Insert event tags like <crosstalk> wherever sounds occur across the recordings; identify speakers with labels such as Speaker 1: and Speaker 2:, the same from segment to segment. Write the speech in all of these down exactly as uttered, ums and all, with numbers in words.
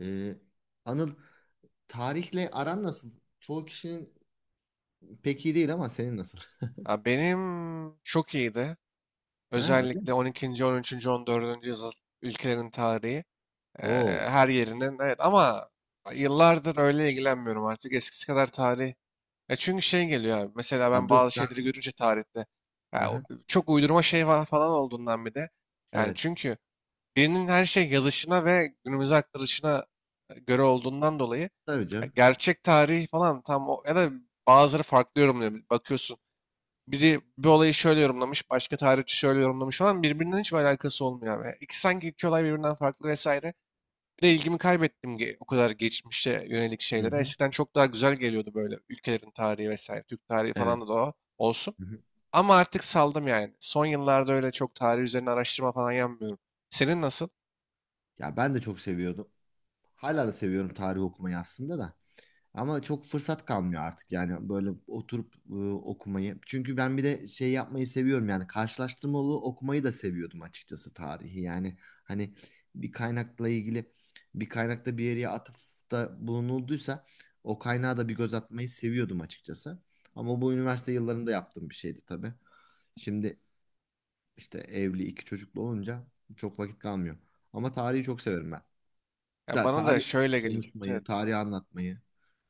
Speaker 1: Ee, Anıl, tarihle aran nasıl? Çoğu kişinin pek iyi değil ama senin nasıl? <laughs>
Speaker 2: Ya benim çok iyiydi.
Speaker 1: Ha, öyle mi?
Speaker 2: Özellikle on ikinci. on üçüncü. on dördüncü yüzyıl ülkelerin tarihi.
Speaker 1: Oo.
Speaker 2: eee, Her yerinden evet ama yıllardır öyle ilgilenmiyorum artık eskisi kadar tarih. Ya çünkü şey geliyor abi, mesela
Speaker 1: Abi
Speaker 2: ben
Speaker 1: dur.
Speaker 2: bazı şeyleri
Speaker 1: Ben-
Speaker 2: görünce tarihte
Speaker 1: Hı
Speaker 2: ya
Speaker 1: hı.
Speaker 2: o çok uydurma şey fa- falan olduğundan bir de. Yani
Speaker 1: Evet.
Speaker 2: çünkü birinin her şey yazışına ve günümüze aktarışına e, göre olduğundan dolayı
Speaker 1: Tabii
Speaker 2: ya
Speaker 1: canım.
Speaker 2: gerçek tarih falan tam o ya da bazıları farklı yorumluyor. Bakıyorsun biri bir olayı şöyle yorumlamış, başka tarihçi şöyle yorumlamış falan. Birbirinden hiçbir alakası olmuyor abi. İki sanki iki olay birbirinden farklı vesaire. Bir de ilgimi kaybettim, ge- o kadar geçmişe yönelik
Speaker 1: Hı
Speaker 2: şeylere.
Speaker 1: hı.
Speaker 2: Eskiden çok daha güzel geliyordu böyle ülkelerin tarihi vesaire. Türk tarihi
Speaker 1: Evet.
Speaker 2: falan da o olsun.
Speaker 1: Hı hı.
Speaker 2: Ama artık saldım yani. Son yıllarda öyle çok tarih üzerine araştırma falan yapmıyorum. Senin nasıl?
Speaker 1: Ya ben de çok seviyordum. Hala da seviyorum tarih okumayı aslında da. Ama çok fırsat kalmıyor artık yani böyle oturup e, okumayı. Çünkü ben bir de şey yapmayı seviyorum yani karşılaştırmalı okumayı da seviyordum açıkçası tarihi. Yani hani bir kaynakla ilgili bir kaynakta bir yere atıfta bulunulduysa o kaynağa da bir göz atmayı seviyordum açıkçası. Ama bu üniversite yıllarında yaptığım bir şeydi tabii. Şimdi işte evli iki çocuklu olunca çok vakit kalmıyor. Ama tarihi çok severim ben.
Speaker 2: Ya
Speaker 1: Ta-
Speaker 2: bana da
Speaker 1: Tarih
Speaker 2: şöyle geliyordu. Evet.
Speaker 1: konuşmayı,
Speaker 2: Evet.
Speaker 1: tarihi anlatmayı,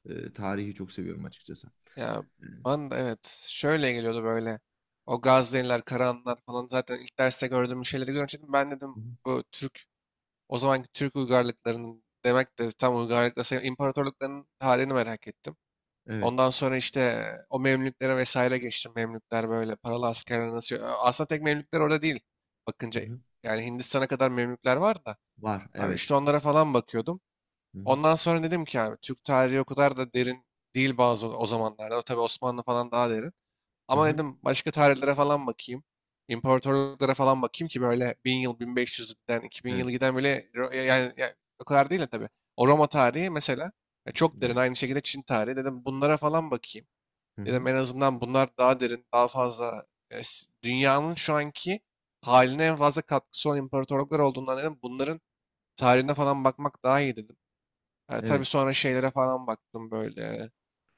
Speaker 1: e, tarihi çok seviyorum açıkçası.
Speaker 2: Ya
Speaker 1: Hı
Speaker 2: bana da evet şöyle geliyordu böyle. O Gazneliler, Karahanlılar falan zaten ilk derste gördüğüm şeyleri görünce dedim, ben dedim
Speaker 1: hı.
Speaker 2: bu Türk. O zamanki Türk uygarlıklarının, demek de tam uygarlıkla sayılır, İmparatorluklarının tarihini merak ettim.
Speaker 1: Evet.
Speaker 2: Ondan sonra işte o Memlüklere vesaire geçtim. Memlükler böyle paralı askerler nasıl... Aslında tek Memlükler orada değil.
Speaker 1: Hı
Speaker 2: Bakınca
Speaker 1: hı.
Speaker 2: yani Hindistan'a kadar Memlükler var da.
Speaker 1: Var.
Speaker 2: Abi
Speaker 1: Evet.
Speaker 2: işte onlara falan bakıyordum.
Speaker 1: Hı hı.
Speaker 2: Ondan sonra dedim ki yani Türk tarihi o kadar da derin değil bazı o zamanlarda. O tabii Osmanlı falan daha derin.
Speaker 1: Hı
Speaker 2: Ama
Speaker 1: hı.
Speaker 2: dedim başka tarihlere falan bakayım. İmparatorluklara falan bakayım ki, böyle bin yıl, bin beş yüzden iki bin
Speaker 1: Evet.
Speaker 2: yıl giden, böyle Ro- ya- yani, o kadar değil de tabii. O Roma tarihi mesela ya çok derin.
Speaker 1: Var.
Speaker 2: Aynı şekilde Çin tarihi. Dedim bunlara falan bakayım.
Speaker 1: Hı
Speaker 2: Dedim
Speaker 1: hı.
Speaker 2: en azından bunlar daha derin, daha fazla e, s- dünyanın şu anki haline en fazla katkısı olan imparatorluklar olduğundan, dedim bunların tarihine falan bakmak daha iyi dedim. Ha,
Speaker 1: Evet.
Speaker 2: tabii sonra şeylere falan baktım böyle.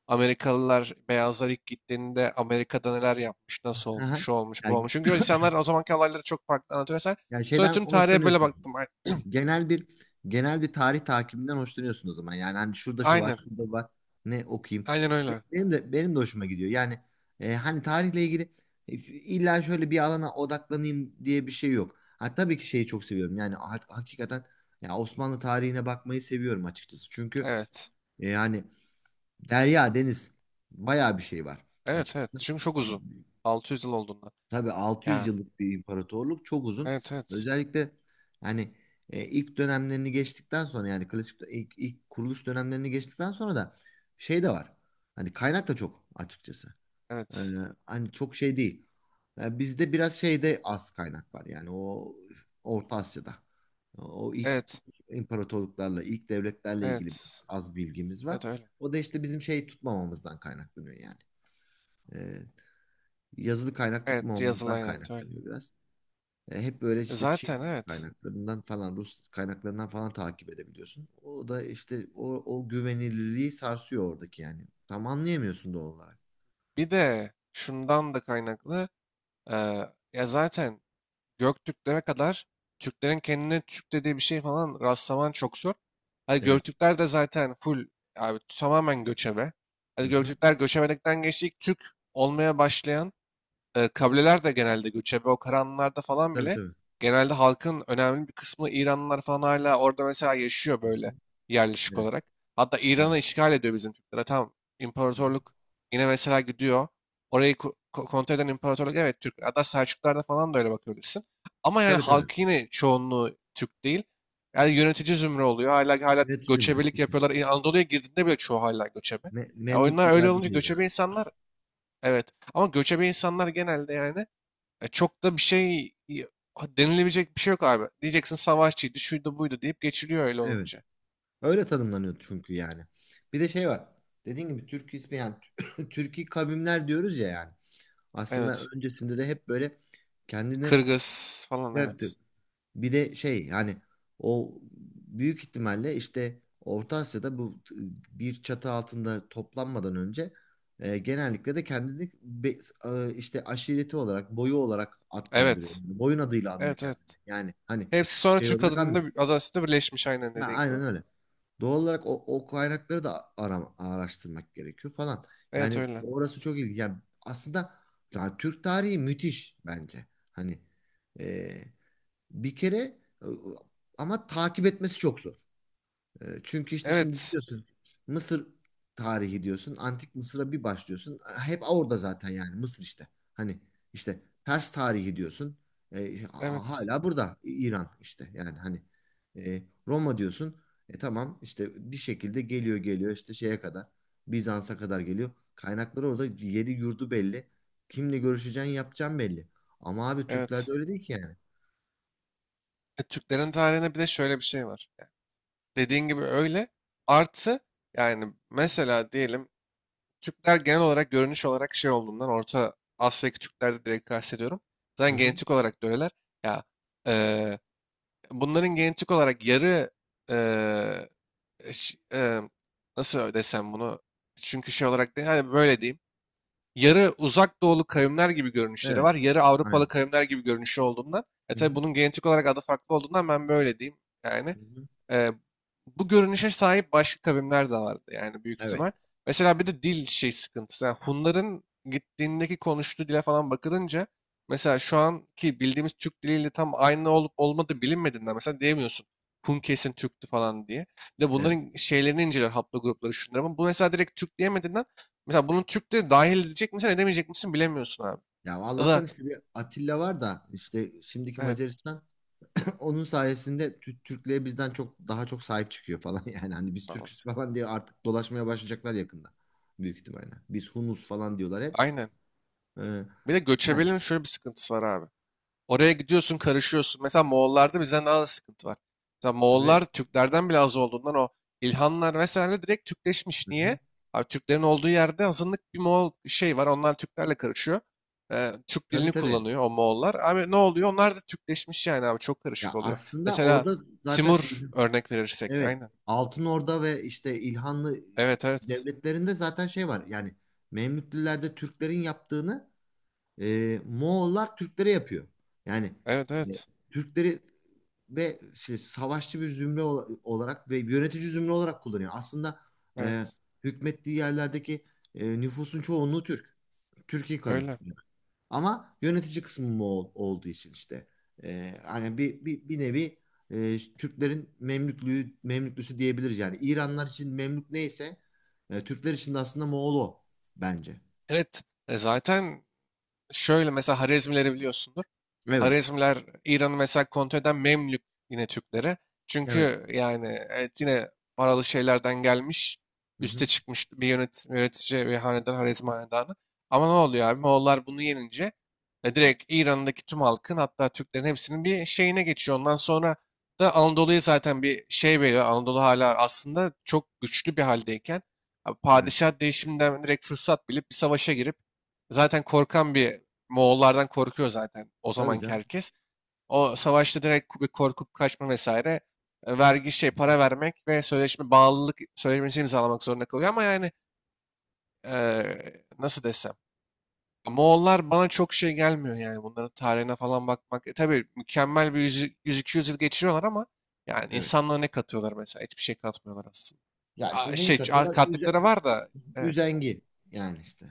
Speaker 2: Amerikalılar, beyazlar ilk gittiğinde Amerika'da neler yapmış, nasıl
Speaker 1: Hı
Speaker 2: olmuş,
Speaker 1: hı.
Speaker 2: şu olmuş, bu
Speaker 1: Yani,
Speaker 2: olmuş. Çünkü insanlar o zamanki olayları çok farklı anlatıyor vesaire.
Speaker 1: yani
Speaker 2: Sonra
Speaker 1: şeyden
Speaker 2: tüm tarihe böyle
Speaker 1: hoşlanıyorsun.
Speaker 2: baktım. Ay-
Speaker 1: Genel bir genel bir tarih takibinden hoşlanıyorsun o zaman. Yani hani şurada şu var,
Speaker 2: Aynen.
Speaker 1: şurada var. Ne okuyayım?
Speaker 2: Aynen
Speaker 1: Be-
Speaker 2: öyle.
Speaker 1: Benim de benim de hoşuma gidiyor. Yani e, hani tarihle ilgili e, illa şöyle bir alana odaklanayım diye bir şey yok. Ha, tabii ki şeyi çok seviyorum. Yani ha- hakikaten ya Osmanlı tarihine bakmayı seviyorum açıkçası. Çünkü
Speaker 2: Evet.
Speaker 1: e, yani Derya, deniz. Bayağı bir şey var
Speaker 2: Evet, evet.
Speaker 1: açıkçası.
Speaker 2: Çünkü çok uzun. altı yüz yıl olduğunda.
Speaker 1: Tabii altı yüz
Speaker 2: Ya.
Speaker 1: yıllık bir imparatorluk çok uzun.
Speaker 2: Evet, evet.
Speaker 1: Özellikle hani e, ilk dönemlerini geçtikten sonra yani klasik dö- ilk, ilk kuruluş dönemlerini geçtikten sonra da şey de var. Hani kaynak da çok açıkçası. Ee,
Speaker 2: Evet.
Speaker 1: Hani çok şey değil. Yani bizde biraz şeyde az kaynak var. Yani o Orta Asya'da. O ilk
Speaker 2: Evet.
Speaker 1: imparatorluklarla, ilk devletlerle ilgili biraz
Speaker 2: Evet.
Speaker 1: az bilgimiz var.
Speaker 2: Evet öyle.
Speaker 1: O da işte bizim şey tutmamamızdan kaynaklanıyor yani. Ee, Yazılı kaynak
Speaker 2: Evet,
Speaker 1: tutmamamızdan
Speaker 2: yazılı, evet öyle.
Speaker 1: kaynaklanıyor biraz. E, hep böyle
Speaker 2: E,
Speaker 1: işte Çin
Speaker 2: zaten evet.
Speaker 1: kaynaklarından falan, Rus kaynaklarından falan takip edebiliyorsun. O da işte o, o güvenilirliği sarsıyor oradaki yani. Tam anlayamıyorsun doğal olarak.
Speaker 2: Bir de şundan da kaynaklı. Eee, ya zaten Göktürklere kadar Türklerin kendine Türk dediği bir şey falan rastlaman çok zor. Hadi
Speaker 1: Evet.
Speaker 2: Göktürkler de zaten full abi tamamen göçebe.
Speaker 1: Hı
Speaker 2: Hadi
Speaker 1: hı.
Speaker 2: Göktürkler göçebelikten geçti. İlk Türk olmaya başlayan e, kabileler de genelde göçebe, o karanlarda falan
Speaker 1: Tabii
Speaker 2: bile
Speaker 1: tabii.
Speaker 2: genelde halkın önemli bir kısmı İranlılar falan hala orada mesela yaşıyor
Speaker 1: Hı hı.
Speaker 2: böyle yerleşik
Speaker 1: Evet.
Speaker 2: olarak. Hatta
Speaker 1: Evet.
Speaker 2: İran'ı işgal ediyor bizim Türkler. Ha, tamam,
Speaker 1: Hı hı.
Speaker 2: imparatorluk yine mesela gidiyor. Orayı ko- ko- kontrol eden imparatorluk evet Türk. Hatta Selçuklar'da falan da öyle bakabilirsin. Ama yani
Speaker 1: Tabii tabii.
Speaker 2: halkı yine çoğunluğu Türk değil. Yani yönetici zümre oluyor. Hala hala
Speaker 1: Evet cümle.
Speaker 2: göçebelik
Speaker 1: İki.
Speaker 2: yapıyorlar. İ- Anadolu'ya girdiğinde bile çoğu hala göçebe.
Speaker 1: Me
Speaker 2: Yani oyunlar öyle
Speaker 1: Memlüklülerde
Speaker 2: olunca
Speaker 1: de yine.
Speaker 2: göçebe insanlar. Evet. Ama göçebe insanlar genelde yani e, çok da bir şey y- denilebilecek bir şey yok abi. Diyeceksin savaşçıydı, şuydu buydu deyip geçiliyor öyle
Speaker 1: Evet.
Speaker 2: olunca.
Speaker 1: Öyle tanımlanıyor çünkü yani. Bir de şey var. Dediğim gibi Türk ismi yani <clears throat> Türki <laughs> kavimler diyoruz ya yani. Aslında
Speaker 2: Evet.
Speaker 1: öncesinde de hep böyle kendine
Speaker 2: Kırgız falan evet.
Speaker 1: Bir de şey yani o büyük ihtimalle işte Orta Asya'da bu t- bir çatı altında toplanmadan önce e, genellikle de kendini be- e, işte aşireti olarak boyu olarak adlandırıyor.
Speaker 2: Evet.
Speaker 1: Yani boyun adıyla anıyor
Speaker 2: Evet, evet.
Speaker 1: kendini. Yani hani
Speaker 2: Hepsi sonra
Speaker 1: şey
Speaker 2: Türk
Speaker 1: olarak anmıyor.
Speaker 2: adında adasında birleşmiş aynen
Speaker 1: Ya
Speaker 2: dediğin gibi.
Speaker 1: aynen öyle. Doğal olarak o, o kaynakları da ara- araştırmak gerekiyor falan.
Speaker 2: Evet
Speaker 1: Yani
Speaker 2: öyle.
Speaker 1: orası çok iyi. Yani aslında yani Türk tarihi müthiş bence. Hani e, bir kere e, ama takip etmesi çok zor. E, Çünkü işte şimdi
Speaker 2: Evet.
Speaker 1: diyorsun Mısır tarihi diyorsun. Antik Mısır'a bir başlıyorsun. Hep orada zaten yani Mısır işte. Hani işte Pers tarihi diyorsun. E, ha-
Speaker 2: Evet.
Speaker 1: hala burada İran işte yani hani e, Roma diyorsun. E tamam işte bir şekilde geliyor geliyor işte şeye kadar Bizans'a kadar geliyor. Kaynakları orada yeri yurdu belli. Kimle görüşeceğin yapacağın belli. Ama abi Türklerde
Speaker 2: Evet.
Speaker 1: öyle değil ki yani.
Speaker 2: E, Türklerin tarihine bir de şöyle bir şey var. Dediğin gibi öyle. Artı yani mesela diyelim, Türkler genel olarak görünüş olarak şey olduğundan, Orta Asya'daki Türklerde direkt kastediyorum.
Speaker 1: Hı
Speaker 2: Zaten
Speaker 1: hı.
Speaker 2: genetik olarak da öyleler. Ya eee, bunların genetik olarak yarı eee, ş- eee, nasıl desem bunu? Çünkü şey olarak değil, hani böyle diyeyim. Yarı uzak doğulu kavimler gibi görünüşleri
Speaker 1: Evet.
Speaker 2: var. Yarı Avrupalı
Speaker 1: Aynen.
Speaker 2: kavimler gibi görünüşü olduğundan. E
Speaker 1: Hı
Speaker 2: tabi
Speaker 1: hı.
Speaker 2: bunun genetik olarak adı farklı olduğundan ben böyle diyeyim. Yani
Speaker 1: Hı hı.
Speaker 2: Eee, bu görünüşe sahip başka kavimler de vardı yani büyük
Speaker 1: Evet.
Speaker 2: ihtimal. Mesela bir de dil şey sıkıntısı. Yani Hunların gittiğindeki konuştuğu dile falan bakılınca mesela, şu anki bildiğimiz Türk diliyle tam aynı olup olmadığı bilinmediğinden mesela diyemiyorsun, Hun kesin Türktü falan diye. Bir de
Speaker 1: Evet.
Speaker 2: bunların şeylerini inceliyor, haplogrupları şunları, ama bu mesela direkt Türk diyemediğinden mesela bunun Türk de dahil edecek misin edemeyecek misin bilemiyorsun abi.
Speaker 1: Ya
Speaker 2: Ya da
Speaker 1: Allah'tan işte bir Atilla var da işte şimdiki
Speaker 2: evet
Speaker 1: Macaristan <clears throat> <laughs> onun sayesinde Tü- Türklere bizden çok daha çok sahip çıkıyor falan <laughs> yani hani biz
Speaker 2: tamam
Speaker 1: Türküz falan diye artık dolaşmaya başlayacaklar yakında büyük ihtimalle. Biz Hunus falan diyorlar hep.
Speaker 2: aynen.
Speaker 1: Ee,
Speaker 2: Bir de
Speaker 1: Yani
Speaker 2: göçebelerin şöyle bir sıkıntısı var abi. Oraya gidiyorsun karışıyorsun. Mesela Moğollarda bizden daha da sıkıntı var. Mesela
Speaker 1: tabii.
Speaker 2: Moğollar Türklerden bile az olduğundan o İlhanlar vesaire direkt Türkleşmiş.
Speaker 1: Hı
Speaker 2: Niye?
Speaker 1: hı.
Speaker 2: Abi Türklerin olduğu yerde azınlık bir Moğol şey var. Onlar Türklerle karışıyor. Ee, Türk
Speaker 1: Tabii
Speaker 2: dilini
Speaker 1: tabii.
Speaker 2: kullanıyor o Moğollar. Abi ne oluyor? Onlar da Türkleşmiş yani abi. Çok karışık
Speaker 1: Ya
Speaker 2: oluyor.
Speaker 1: aslında
Speaker 2: Mesela
Speaker 1: orada zaten
Speaker 2: Simur örnek verirsek.
Speaker 1: evet
Speaker 2: Aynen.
Speaker 1: Altın Orda ve işte İlhanlı
Speaker 2: Evet, evet.
Speaker 1: devletlerinde zaten şey var. Yani Memlüklülerde Türklerin yaptığını e, Moğollar Türklere yapıyor. Yani
Speaker 2: Evet,
Speaker 1: e,
Speaker 2: evet.
Speaker 1: Türkleri ve şey, savaşçı bir zümre ola- olarak ve yönetici zümre olarak kullanıyor. Aslında e,
Speaker 2: Evet.
Speaker 1: hükmettiği yerlerdeki e, nüfusun çoğunluğu Türk. Türkiye kavmi.
Speaker 2: Öyle.
Speaker 1: Ama yönetici kısmı Moğol olduğu için işte e, hani bir, bir, bir nevi e, Türklerin Memlüklüğü, Memlüklüsü diyebiliriz. Yani İranlar için Memlük neyse e, Türkler için de aslında Moğol o bence.
Speaker 2: Evet. E zaten şöyle, mesela Harezmileri biliyorsundur.
Speaker 1: Evet.
Speaker 2: Harezmler İran'ı mesela kontrol eden Memlük, yine Türklere,
Speaker 1: Evet.
Speaker 2: çünkü yani evet yine paralı şeylerden gelmiş.
Speaker 1: Hı hı.
Speaker 2: Üste çıkmış bir yönet, yönetici ve hanedan, Harezm hanedanı. Ama ne oluyor abi? Moğollar bunu yenince e, direkt İran'daki tüm halkın hatta Türklerin hepsinin bir şeyine geçiyor. Ondan sonra da Anadolu'ya zaten bir şey veriyor. Anadolu hala aslında çok güçlü bir haldeyken abi,
Speaker 1: Evet.
Speaker 2: padişah değişiminden direkt fırsat bilip bir savaşa girip, zaten korkan bir, Moğollardan korkuyor zaten o
Speaker 1: Tabii
Speaker 2: zamanki
Speaker 1: canım.
Speaker 2: herkes. O savaşta direkt bir korkup kaçma vesaire, e, vergi şey para vermek ve sözleşme, bağlılık sözleşmesi imzalamak zorunda kalıyor. Ama yani e, nasıl desem. Moğollar bana çok şey gelmiyor yani, bunların tarihine falan bakmak. E, tabii mükemmel bir yüz iki yüz yıl geçiriyorlar ama yani
Speaker 1: Evet.
Speaker 2: insanlığa ne katıyorlar mesela? Hiçbir şey katmıyorlar aslında.
Speaker 1: Ya işte
Speaker 2: Aa,
Speaker 1: neyi
Speaker 2: şey a-
Speaker 1: katıyorlar? Üze-
Speaker 2: kattıkları var da, evet
Speaker 1: üzengi yani işte.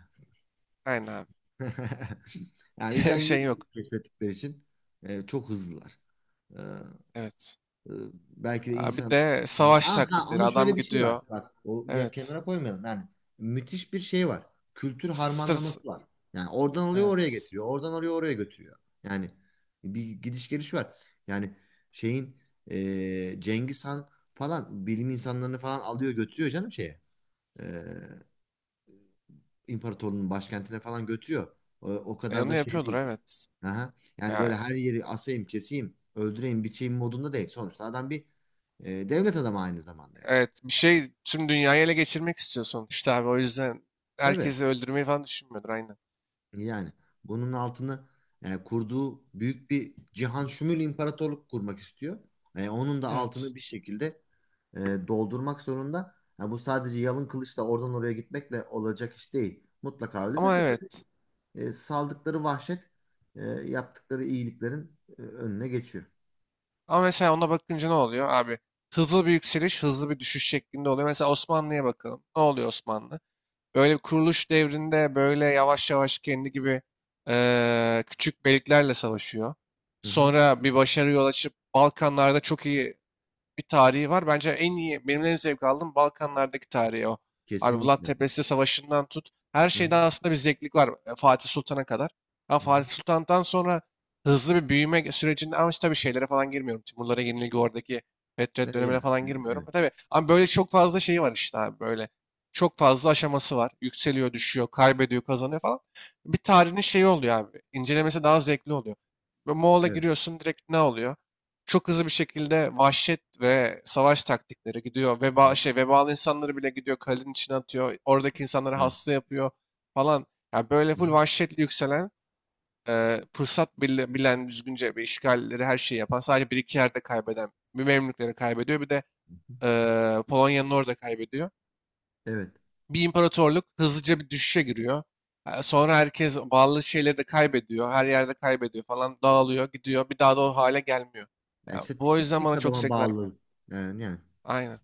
Speaker 2: aynen
Speaker 1: <laughs> Yani
Speaker 2: abi. <laughs>
Speaker 1: üzengiyi
Speaker 2: Şey yok.
Speaker 1: keşfettikleri için e, çok hızlılar. E,
Speaker 2: Evet.
Speaker 1: e, Belki de
Speaker 2: Aa, bir
Speaker 1: insan...
Speaker 2: de savaş
Speaker 1: Aha,
Speaker 2: taktikleri.
Speaker 1: ama şöyle
Speaker 2: Adam
Speaker 1: bir şey var.
Speaker 2: gidiyor.
Speaker 1: Bak o ya
Speaker 2: Evet.
Speaker 1: kenara koymayalım. Yani müthiş bir şey var. Kültür
Speaker 2: Stres.
Speaker 1: harmanlaması var. Yani oradan alıyor oraya
Speaker 2: Evet.
Speaker 1: getiriyor. Oradan alıyor oraya götürüyor. Yani bir gidiş geliş var. Yani şeyin e, Cengiz Han falan bilim insanlarını falan alıyor götürüyor canım şeye. e, imparatorluğun başkentine falan götürüyor. O, o
Speaker 2: E,
Speaker 1: kadar
Speaker 2: onu
Speaker 1: da şey
Speaker 2: yapıyordur
Speaker 1: değil.
Speaker 2: evet.
Speaker 1: Aha. Yani böyle
Speaker 2: Ya
Speaker 1: her yeri asayım, keseyim, öldüreyim, biçeyim modunda değil. Sonuçta adam bir e, devlet adamı aynı zamanda yani.
Speaker 2: evet bir şey, tüm dünyayı ele geçirmek istiyor sonuçta abi. O yüzden
Speaker 1: Tabii
Speaker 2: herkesi öldürmeyi falan düşünmüyordur aynen.
Speaker 1: yani bunun altını e, kurduğu büyük bir cihan şumul imparatorluk kurmak istiyor. E, onun da
Speaker 2: Evet.
Speaker 1: altını bir şekilde e, doldurmak zorunda. Ha, bu sadece yalın kılıçla oradan oraya gitmekle olacak iş değil. Mutlaka öyledir
Speaker 2: Ama
Speaker 1: de
Speaker 2: evet.
Speaker 1: e, saldıkları vahşet e, yaptıkları iyiliklerin e, önüne geçiyor.
Speaker 2: Ama mesela ona bakınca ne oluyor abi? Hızlı bir yükseliş, hızlı bir düşüş şeklinde oluyor. Mesela Osmanlı'ya bakalım. Ne oluyor Osmanlı? Böyle bir kuruluş devrinde böyle yavaş yavaş kendi gibi eee, küçük beyliklerle savaşıyor.
Speaker 1: Hı hı.
Speaker 2: Sonra bir başarıya ulaşıp Balkanlarda çok iyi bir tarihi var. Bence en iyi, benim en zevk aldığım Balkanlardaki tarihi o. Abi Vlad
Speaker 1: Kesinlikle.
Speaker 2: Tepesi Savaşı'ndan tut, her
Speaker 1: Hı hı.
Speaker 2: şeyden aslında bir zevklik var, e, Fatih Sultan'a kadar. Ama
Speaker 1: Hı
Speaker 2: Fatih
Speaker 1: hı.
Speaker 2: Sultan'dan sonra hızlı bir büyüme sürecinde, ama işte tabii şeylere falan girmiyorum. Timurlara yenilgi, oradaki Fetret
Speaker 1: Ve
Speaker 2: dönemine
Speaker 1: ya, e,
Speaker 2: falan girmiyorum.
Speaker 1: evet,
Speaker 2: E tabii, ama böyle çok fazla şeyi var işte abi böyle. Çok fazla aşaması var. Yükseliyor, düşüyor, kaybediyor, kazanıyor falan. Bir tarihin şeyi oluyor abi. İncelemesi daha zevkli oluyor. Ve Moğol'a
Speaker 1: evet.
Speaker 2: giriyorsun direkt ne oluyor? Çok hızlı bir şekilde vahşet ve savaş taktikleri gidiyor.
Speaker 1: Hı
Speaker 2: Veba,
Speaker 1: hı.
Speaker 2: şey, vebalı insanları bile gidiyor kalenin içine atıyor. Oradaki insanları
Speaker 1: Evet.
Speaker 2: hasta yapıyor falan. Yani böyle
Speaker 1: Hı hı.
Speaker 2: full vahşetle yükselen, e, fırsat bil- bilen, düzgünce bir işgalleri her şeyi yapan, sadece bir iki yerde kaybeden, bir Memlükleri kaybediyor, bir de e, Polonya'nın orada kaybediyor.
Speaker 1: Evet.
Speaker 2: Bir imparatorluk hızlıca bir düşüşe giriyor. E, sonra herkes bağlı şeyleri de kaybediyor, her yerde kaybediyor falan, dağılıyor, gidiyor. Bir daha da o hale gelmiyor.
Speaker 1: Ya
Speaker 2: Ya
Speaker 1: işte
Speaker 2: bu o
Speaker 1: tipik
Speaker 2: yüzden
Speaker 1: tek
Speaker 2: bana çok
Speaker 1: adama
Speaker 2: zevk vermiyor.
Speaker 1: bağlılık. Yani, yani.
Speaker 2: Aynen.